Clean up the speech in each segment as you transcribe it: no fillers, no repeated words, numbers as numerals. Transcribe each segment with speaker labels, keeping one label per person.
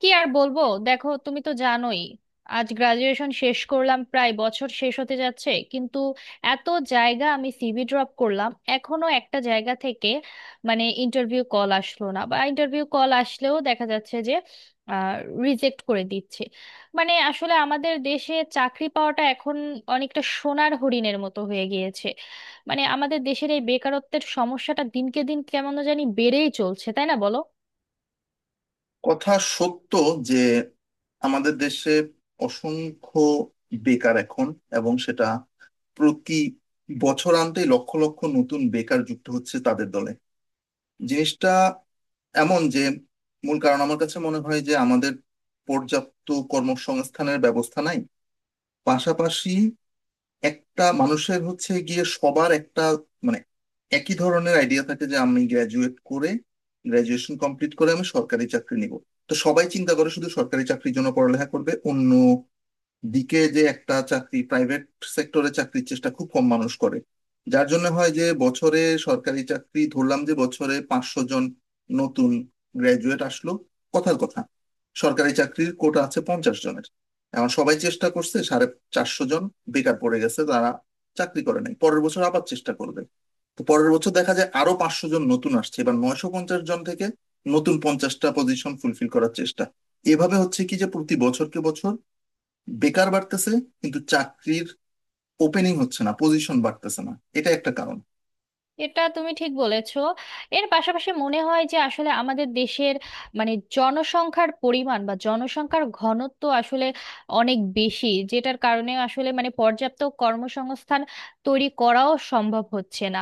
Speaker 1: কি আর বলবো। দেখো, তুমি তো জানোই, আজ গ্রাজুয়েশন শেষ করলাম, প্রায় বছর শেষ হতে যাচ্ছে, কিন্তু এত জায়গা আমি সিভি ড্রপ করলাম, এখনো একটা জায়গা থেকে ইন্টারভিউ কল আসলো না, বা ইন্টারভিউ কল আসলেও দেখা যাচ্ছে যে রিজেক্ট করে দিচ্ছে। আসলে আমাদের দেশে চাকরি পাওয়াটা এখন অনেকটা সোনার হরিণের মতো হয়ে গিয়েছে। আমাদের দেশের এই বেকারত্বের সমস্যাটা দিনকে দিন কেমন জানি বেড়েই চলছে, তাই না বলো?
Speaker 2: কথা সত্য যে আমাদের দেশে অসংখ্য বেকার এখন, এবং সেটা প্রতি বছরান্তে লক্ষ লক্ষ নতুন বেকার যুক্ত হচ্ছে তাদের দলে। জিনিসটা এমন যে, মূল কারণ আমার কাছে মনে হয় যে আমাদের পর্যাপ্ত কর্মসংস্থানের ব্যবস্থা নাই। পাশাপাশি একটা মানুষের হচ্ছে গিয়ে সবার একটা, মানে একই ধরনের আইডিয়া থাকে যে, আমি গ্রাজুয়েট করে গ্রাজুয়েশন কমপ্লিট করে আমি সরকারি চাকরি নিব। তো সবাই চিন্তা করে শুধু সরকারি চাকরির জন্য পড়ালেখা করবে, অন্য দিকে যে একটা চাকরি প্রাইভেট সেক্টরে চাকরির চেষ্টা খুব কম মানুষ করে। যার জন্য হয় যে, বছরে সরকারি চাকরি ধরলাম যে বছরে 500 জন নতুন গ্রাজুয়েট আসলো, কথার কথা সরকারি চাকরির কোটা আছে 50 জনের, এখন সবাই চেষ্টা করছে, 450 জন বেকার পড়ে গেছে, তারা চাকরি করে নাই, পরের বছর আবার চেষ্টা করবে। তো পরের বছর দেখা যায় আরো 500 জন নতুন আসছে, এবার 950 জন থেকে নতুন 50টা পজিশন ফুলফিল করার চেষ্টা। এভাবে হচ্ছে কি যে, প্রতি বছরকে বছর বেকার বাড়তেছে, কিন্তু চাকরির ওপেনিং হচ্ছে না, পজিশন বাড়তেছে না। এটা একটা কারণ।
Speaker 1: এটা তুমি ঠিক বলেছো। এর পাশাপাশি মনে হয় যে আসলে আমাদের দেশের জনসংখ্যার পরিমাণ বা জনসংখ্যার ঘনত্ব আসলে অনেক বেশি, যেটার কারণে আসলে পর্যাপ্ত কর্মসংস্থান তৈরি করাও সম্ভব হচ্ছে না।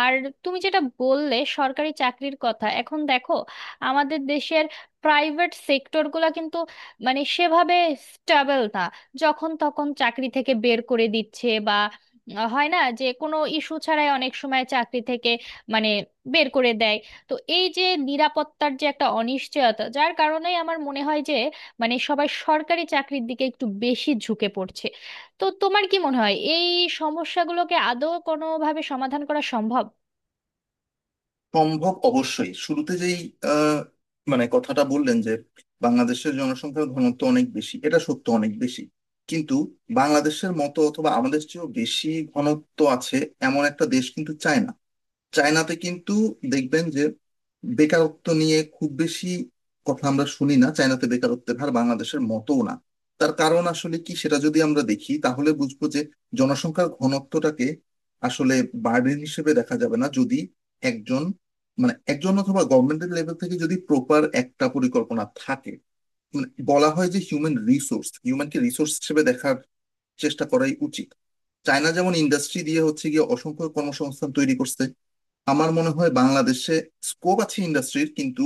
Speaker 1: আর তুমি যেটা বললে সরকারি চাকরির কথা, এখন দেখো, আমাদের দেশের প্রাইভেট সেক্টরগুলো কিন্তু সেভাবে স্টেবল না, যখন তখন চাকরি থেকে বের করে দিচ্ছে। হয় না যে, কোনো ইস্যু ছাড়াই অনেক সময় চাকরি থেকে মানে বের করে দেয়। তো এই যে নিরাপত্তার যে একটা অনিশ্চয়তা, যার কারণেই আমার মনে হয় যে সবাই সরকারি চাকরির দিকে একটু বেশি ঝুঁকে পড়ছে। তো তোমার কি মনে হয়, এই সমস্যাগুলোকে আদৌ কোনোভাবে সমাধান করা সম্ভব?
Speaker 2: সম্ভব, অবশ্যই। শুরুতে যেই আহ, মানে কথাটা বললেন যে বাংলাদেশের জনসংখ্যার ঘনত্ব অনেক বেশি, এটা সত্য, অনেক বেশি। কিন্তু বাংলাদেশের মতো অথবা আমাদের চেয়েও বেশি ঘনত্ব আছে এমন একটা দেশ কিন্তু চায়না। চায়নাতে কিন্তু দেখবেন যে বেকারত্ব নিয়ে খুব বেশি কথা আমরা শুনি না, চায়নাতে বেকারত্বের হার বাংলাদেশের মতও না। তার কারণ আসলে কি সেটা যদি আমরা দেখি তাহলে বুঝবো যে, জনসংখ্যার ঘনত্বটাকে আসলে বার্ডেন হিসেবে দেখা যাবে না যদি একজন, মানে একজন অথবা গভর্নমেন্টের লেভেল থেকে যদি প্রপার একটা পরিকল্পনা থাকে। মানে বলা হয় যে, হিউম্যানকে রিসোর্স হিসেবে দেখার চেষ্টা করাই উচিত। চায়না যেমন ইন্ডাস্ট্রি দিয়ে হচ্ছে গিয়ে অসংখ্য কর্মসংস্থান তৈরি করছে। আমার মনে হয় বাংলাদেশে স্কোপ আছে ইন্ডাস্ট্রির, কিন্তু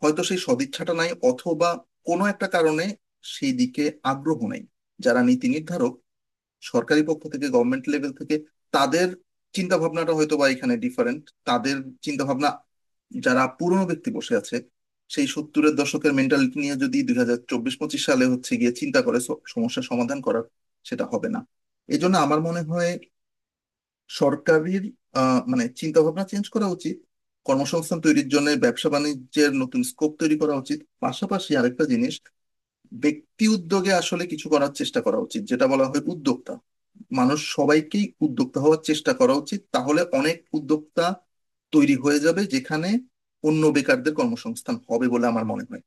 Speaker 2: হয়তো সেই সদিচ্ছাটা নাই, অথবা কোনো একটা কারণে সেই দিকে আগ্রহ নাই। যারা নীতি নির্ধারক সরকারি পক্ষ থেকে, গভর্নমেন্ট লেভেল থেকে, তাদের চিন্তা ভাবনাটা হয়তো বা এখানে ডিফারেন্ট। তাদের চিন্তা ভাবনা, যারা পুরনো ব্যক্তি বসে আছে, সেই সত্তরের দশকের মেন্টালিটি নিয়ে যদি 2024-25 সালে হচ্ছে গিয়ে চিন্তা করে সমস্যার সমাধান করার, সেটা হবে না। এই জন্য আমার মনে হয় সরকারের মানে চিন্তা ভাবনা চেঞ্জ করা উচিত, কর্মসংস্থান তৈরির জন্য ব্যবসা বাণিজ্যের নতুন স্কোপ তৈরি করা উচিত। পাশাপাশি আরেকটা জিনিস, ব্যক্তি উদ্যোগে আসলে কিছু করার চেষ্টা করা উচিত, যেটা বলা হয় উদ্যোক্তা। মানুষ সবাইকেই উদ্যোক্তা হওয়ার চেষ্টা করা উচিত, তাহলে অনেক উদ্যোক্তা তৈরি হয়ে যাবে, যেখানে অন্য বেকারদের কর্মসংস্থান হবে বলে আমার মনে হয়।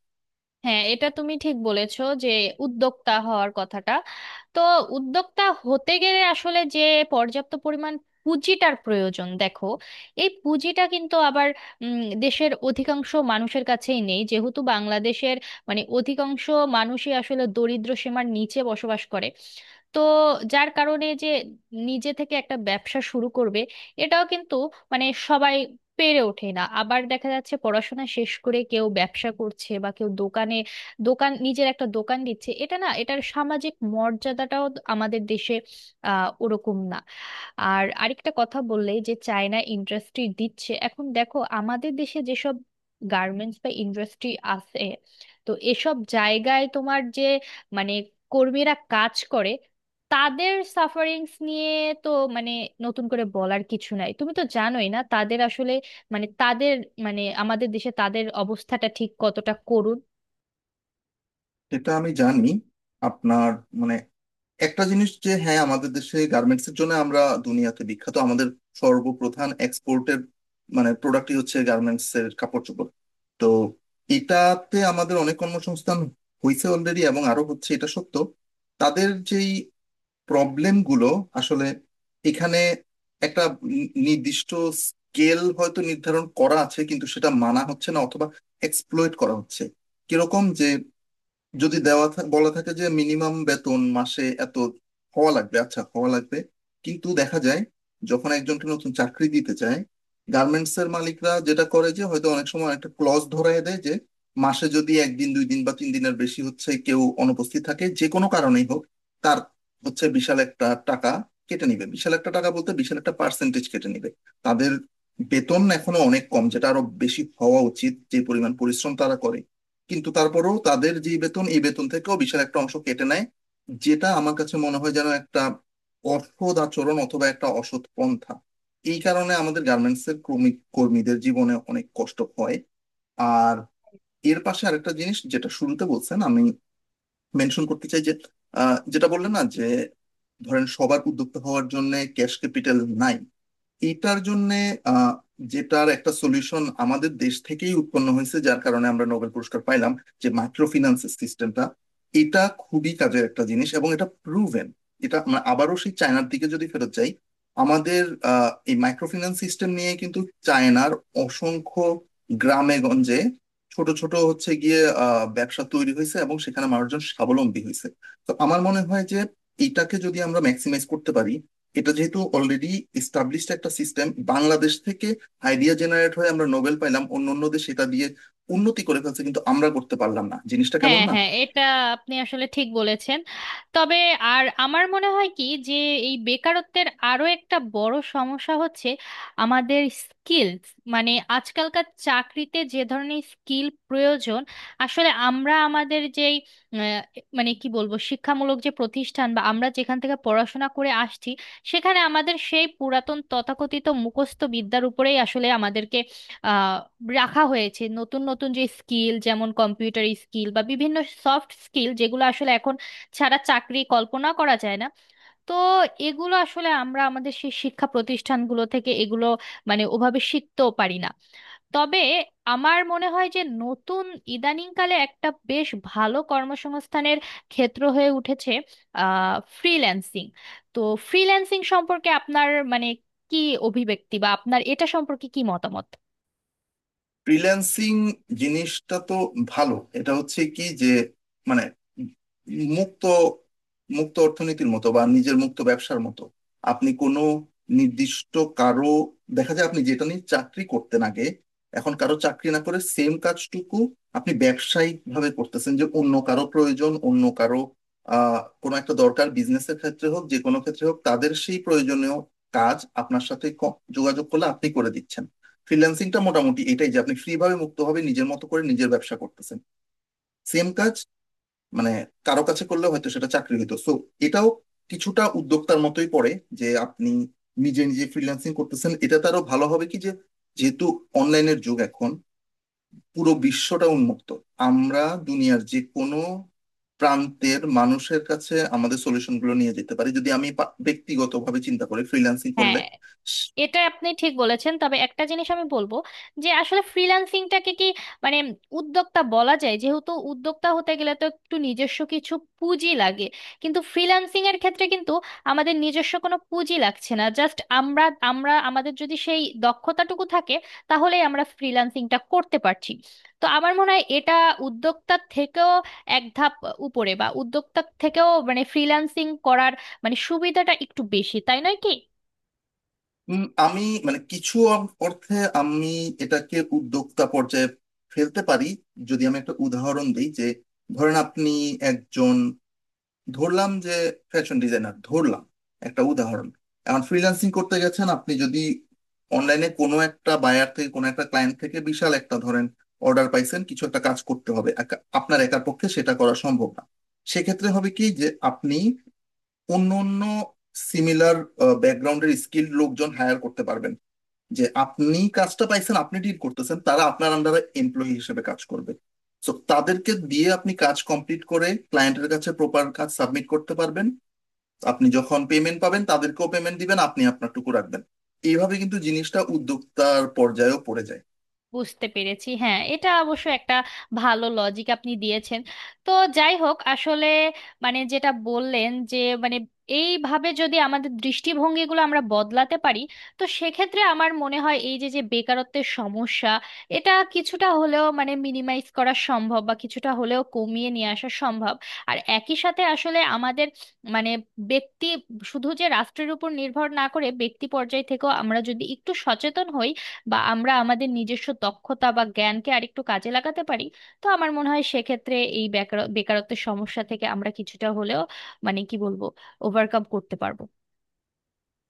Speaker 1: হ্যাঁ, এটা তুমি ঠিক বলেছো, যে উদ্যোক্তা হওয়ার কথাটা। তো উদ্যোক্তা হতে গেলে আসলে যে পর্যাপ্ত পরিমাণ পুঁজিটার প্রয়োজন, দেখো এই পুঁজিটা কিন্তু আবার দেশের অধিকাংশ মানুষের কাছেই নেই, যেহেতু বাংলাদেশের অধিকাংশ মানুষই আসলে দরিদ্র সীমার নিচে বসবাস করে। তো যার কারণে যে নিজে থেকে একটা ব্যবসা শুরু করবে, এটাও কিন্তু সবাই পেরে ওঠে না। আবার দেখা যাচ্ছে পড়াশোনা শেষ করে কেউ ব্যবসা করছে বা কেউ দোকানে নিজের একটা দোকান দিচ্ছে, এটা না, এটার সামাজিক মর্যাদাটাও আমাদের দেশে ওরকম না। আর আরেকটা কথা বললে যে চায়না ইন্ডাস্ট্রি দিচ্ছে, এখন দেখো আমাদের দেশে যেসব গার্মেন্টস বা ইন্ডাস্ট্রি আছে, তো এসব জায়গায় তোমার যে মানে কর্মীরা কাজ করে, তাদের সাফারিংস নিয়ে তো মানে নতুন করে বলার কিছু নাই, তুমি তো জানোই না তাদের আসলে মানে তাদের মানে আমাদের দেশে তাদের অবস্থাটা ঠিক কতটা করুণ।
Speaker 2: এটা আমি জানি আপনার, মানে একটা জিনিস যে, হ্যাঁ আমাদের দেশে গার্মেন্টস এর জন্য আমরা দুনিয়াতে বিখ্যাত, আমাদের সর্বপ্রধান এক্সপোর্টের, মানে প্রোডাক্টই হচ্ছে গার্মেন্টস এর কাপড় চোপড়। তো এটাতে আমাদের অনেক কর্মসংস্থান হয়েছে অলরেডি, এবং আরো হচ্ছে, এটা সত্য। তাদের যেই প্রবলেম গুলো, আসলে এখানে একটা নির্দিষ্ট স্কেল হয়তো নির্ধারণ করা আছে, কিন্তু সেটা মানা হচ্ছে না, অথবা এক্সপ্লয়েট করা হচ্ছে। কিরকম যে, যদি বলা থাকে যে মিনিমাম বেতন মাসে এত হওয়া লাগবে, আচ্ছা হওয়া লাগবে, কিন্তু দেখা যায় যখন একজনকে নতুন চাকরি দিতে চায় গার্মেন্টস এর মালিকরা, যেটা করে যে হয়তো অনেক সময় একটা ক্লজ ধরায় দেয় যে, মাসে যদি একদিন 2 দিন বা তিন দিনের বেশি হচ্ছে কেউ অনুপস্থিত থাকে, যে কোনো কারণেই হোক, তার হচ্ছে বিশাল একটা টাকা কেটে নিবে, বিশাল একটা টাকা বলতে বিশাল একটা পার্সেন্টেজ কেটে নিবে। তাদের বেতন এখনো অনেক কম, যেটা আরো বেশি হওয়া উচিত, যে পরিমাণ পরিশ্রম তারা করে। কিন্তু তারপরেও তাদের যে বেতন, এই বেতন থেকেও বিশাল একটা অংশ কেটে নেয়, যেটা আমার কাছে মনে হয় যেন একটা অসৎ আচরণ অথবা একটা অসৎ পন্থা। এই কারণে আমাদের গার্মেন্টস এর কর্মীদের জীবনে অনেক কষ্ট হয়। আর এর পাশে আরেকটা জিনিস যেটা শুরুতে বলছেন, আমি মেনশন করতে চাই যে যেটা বললেন না যে ধরেন সবার উদ্যোক্তা হওয়ার জন্য ক্যাশ ক্যাপিটাল নাই। এটার জন্যে আহ, যেটার একটা সলিউশন আমাদের দেশ থেকেই উৎপন্ন হয়েছে, যার কারণে আমরা নোবেল পুরস্কার পাইলাম, যে মাইক্রো ফিন্যান্স সিস্টেমটা। এটা খুবই কাজের একটা জিনিস, এবং এটা প্রুভেন। এটা আমরা আবারও সেই চায়নার দিকে যদি ফেরত যাই, আমাদের এই মাইক্রো ফিন্যান্স সিস্টেম নিয়ে কিন্তু চায়নার অসংখ্য গ্রামে গঞ্জে ছোট ছোট হচ্ছে গিয়ে ব্যবসা তৈরি হয়েছে, এবং সেখানে মানুষজন স্বাবলম্বী হয়েছে। তো আমার মনে হয় যে এটাকে যদি আমরা ম্যাক্সিমাইজ করতে পারি, এটা যেহেতু অলরেডি এস্টাবলিশড একটা সিস্টেম, বাংলাদেশ থেকে আইডিয়া জেনারেট হয়ে আমরা নোবেল পাইলাম, অন্য অন্য দেশ এটা দিয়ে উন্নতি করে ফেলছে, কিন্তু আমরা করতে পারলাম না, জিনিসটা কেমন
Speaker 1: হ্যাঁ
Speaker 2: না।
Speaker 1: হ্যাঁ, এটা আপনি আসলে ঠিক বলেছেন। তবে আর আমার মনে হয় কি, যে এই বেকারত্বের আরো একটা বড় সমস্যা হচ্ছে আমাদের স্কিলস। মানে আজকালকার চাকরিতে যে ধরনের স্কিল প্রয়োজন, আসলে আমরা আমাদের যেই আহ, মানে কি বলবো শিক্ষামূলক যে প্রতিষ্ঠান বা আমরা যেখান থেকে পড়াশোনা করে আসছি, সেখানে আমাদের সেই পুরাতন তথাকথিত মুখস্থ বিদ্যার উপরেই আসলে আমাদেরকে আহ রাখা হয়েছে। নতুন নতুন যে স্কিল, যেমন কম্পিউটার স্কিল বা বিভিন্ন সফট স্কিল, যেগুলো আসলে এখন ছাড়া চাকরি কল্পনা করা যায় না, তো এগুলো আসলে আমরা আমাদের সেই শিক্ষা প্রতিষ্ঠানগুলো থেকে এগুলো ওভাবে শিখতেও পারি না। তবে আমার মনে হয় যে নতুন ইদানিংকালে একটা বেশ ভালো কর্মসংস্থানের ক্ষেত্র হয়ে উঠেছে, ফ্রিল্যান্সিং। তো ফ্রিল্যান্সিং সম্পর্কে আপনার কি অভিব্যক্তি, বা আপনার এটা সম্পর্কে কি মতামত?
Speaker 2: ফ্রিল্যান্সিং জিনিসটা তো ভালো। এটা হচ্ছে কি যে, মানে মুক্ত মুক্ত অর্থনীতির মতো বা নিজের মুক্ত ব্যবসার মতো। আপনি কোনো নির্দিষ্ট কারো, দেখা যায় আপনি যেটা নিয়ে চাকরি করতেন আগে, এখন কারো চাকরি না করে সেম কাজটুকু আপনি ব্যবসায়িক ভাবে করতেছেন। যে অন্য কারো প্রয়োজন, অন্য কারো কোনো একটা দরকার বিজনেসের ক্ষেত্রে হোক যে কোনো ক্ষেত্রে হোক, তাদের সেই প্রয়োজনীয় কাজ আপনার সাথে যোগাযোগ করলে আপনি করে দিচ্ছেন। ফ্রিল্যান্সিংটা মোটামুটি এটাই যে, আপনি ফ্রি ভাবে মুক্তভাবে নিজের মতো করে নিজের ব্যবসা করতেছেন। সেম কাজ, মানে কারো কাছে করলে হয়তো সেটা চাকরি হতো, সো এটাও কিছুটা উদ্যোক্তার মতোই পড়ে, যে আপনি নিজে নিজে ফ্রিল্যান্সিং করতেছেন। এটা তারও ভালো হবে কি যে, যেহেতু অনলাইনের যুগ এখন, পুরো বিশ্বটা উন্মুক্ত, আমরা দুনিয়ার যে কোনো প্রান্তের মানুষের কাছে আমাদের সলিউশনগুলো নিয়ে যেতে পারি, যদি আমি ব্যক্তিগতভাবে চিন্তা করি ফ্রিল্যান্সিং
Speaker 1: হ্যাঁ,
Speaker 2: করলে।
Speaker 1: এটা আপনি ঠিক বলেছেন। তবে একটা জিনিস আমি বলবো, যে আসলে ফ্রিল্যান্সিংটাকে কি মানে উদ্যোক্তা বলা যায়? যেহেতু উদ্যোক্তা হতে গেলে তো একটু নিজস্ব কিছু পুঁজি লাগে, কিন্তু ফ্রিল্যান্সিং এর ক্ষেত্রে কিন্তু আমাদের নিজস্ব কোনো পুঁজি লাগছে না, জাস্ট আমরা আমরা আমাদের যদি সেই দক্ষতাটুকু থাকে, তাহলেই আমরা ফ্রিল্যান্সিংটা করতে পারছি। তো আমার মনে হয় এটা উদ্যোক্তার থেকেও এক ধাপ উপরে, বা উদ্যোক্তার থেকেও ফ্রিল্যান্সিং করার সুবিধাটা একটু বেশি, তাই নয় কি?
Speaker 2: আমি, মানে কিছু অর্থে আমি এটাকে উদ্যোক্তা পর্যায়ে ফেলতে পারি। যদি আমি একটা উদাহরণ দিই যে, ধরেন আপনি একজন, ধরলাম যে ফ্যাশন ডিজাইনার, ধরলাম একটা উদাহরণ, এখন ফ্রিল্যান্সিং করতে গেছেন। আপনি যদি অনলাইনে কোনো একটা বায়ার থেকে, কোনো একটা ক্লায়েন্ট থেকে বিশাল একটা ধরেন অর্ডার পাইছেন, কিছু একটা কাজ করতে হবে, আপনার একার পক্ষে সেটা করা সম্ভব না। সেক্ষেত্রে হবে কি যে, আপনি অন্য অন্য সিমিলার ব্যাকগ্রাউন্ডের স্কিল লোকজন হায়ার করতে পারবেন। যে আপনি কাজটা পাইছেন, আপনি ডিড করতেছেন, তারা আপনার আন্ডারে এমপ্লয়ি হিসেবে কাজ করবে। সো তাদেরকে দিয়ে আপনি কাজ কমপ্লিট করে ক্লায়েন্টের কাছে প্রপার কাজ সাবমিট করতে পারবেন। আপনি যখন পেমেন্ট পাবেন, তাদেরকেও পেমেন্ট দিবেন, আপনি আপনারটুকু রাখবেন। এইভাবে কিন্তু জিনিসটা উদ্যোক্তার পর্যায়েও পড়ে যায়।
Speaker 1: বুঝতে পেরেছি। হ্যাঁ, এটা অবশ্য একটা ভালো লজিক আপনি দিয়েছেন। তো যাই হোক, আসলে মানে যেটা বললেন যে মানে এইভাবে যদি আমাদের দৃষ্টিভঙ্গিগুলো আমরা বদলাতে পারি, তো সেক্ষেত্রে আমার মনে হয় এই যে যে বেকারত্বের সমস্যা, এটা কিছুটা হলেও মিনিমাইজ করা সম্ভব, বা কিছুটা হলেও কমিয়ে নিয়ে আসা সম্ভব। আর একই সাথে আসলে আমাদের মানে ব্যক্তি শুধু যে রাষ্ট্রের উপর নির্ভর না করে, ব্যক্তি পর্যায় থেকেও আমরা যদি একটু সচেতন হই, বা আমরা আমাদের নিজস্ব দক্ষতা বা জ্ঞানকে আরেকটু কাজে লাগাতে পারি, তো আমার মনে হয় সেক্ষেত্রে এই বেকারত্বের সমস্যা থেকে আমরা কিছুটা হলেও মানে কি বলবো ওভারকাম করতে পারবো।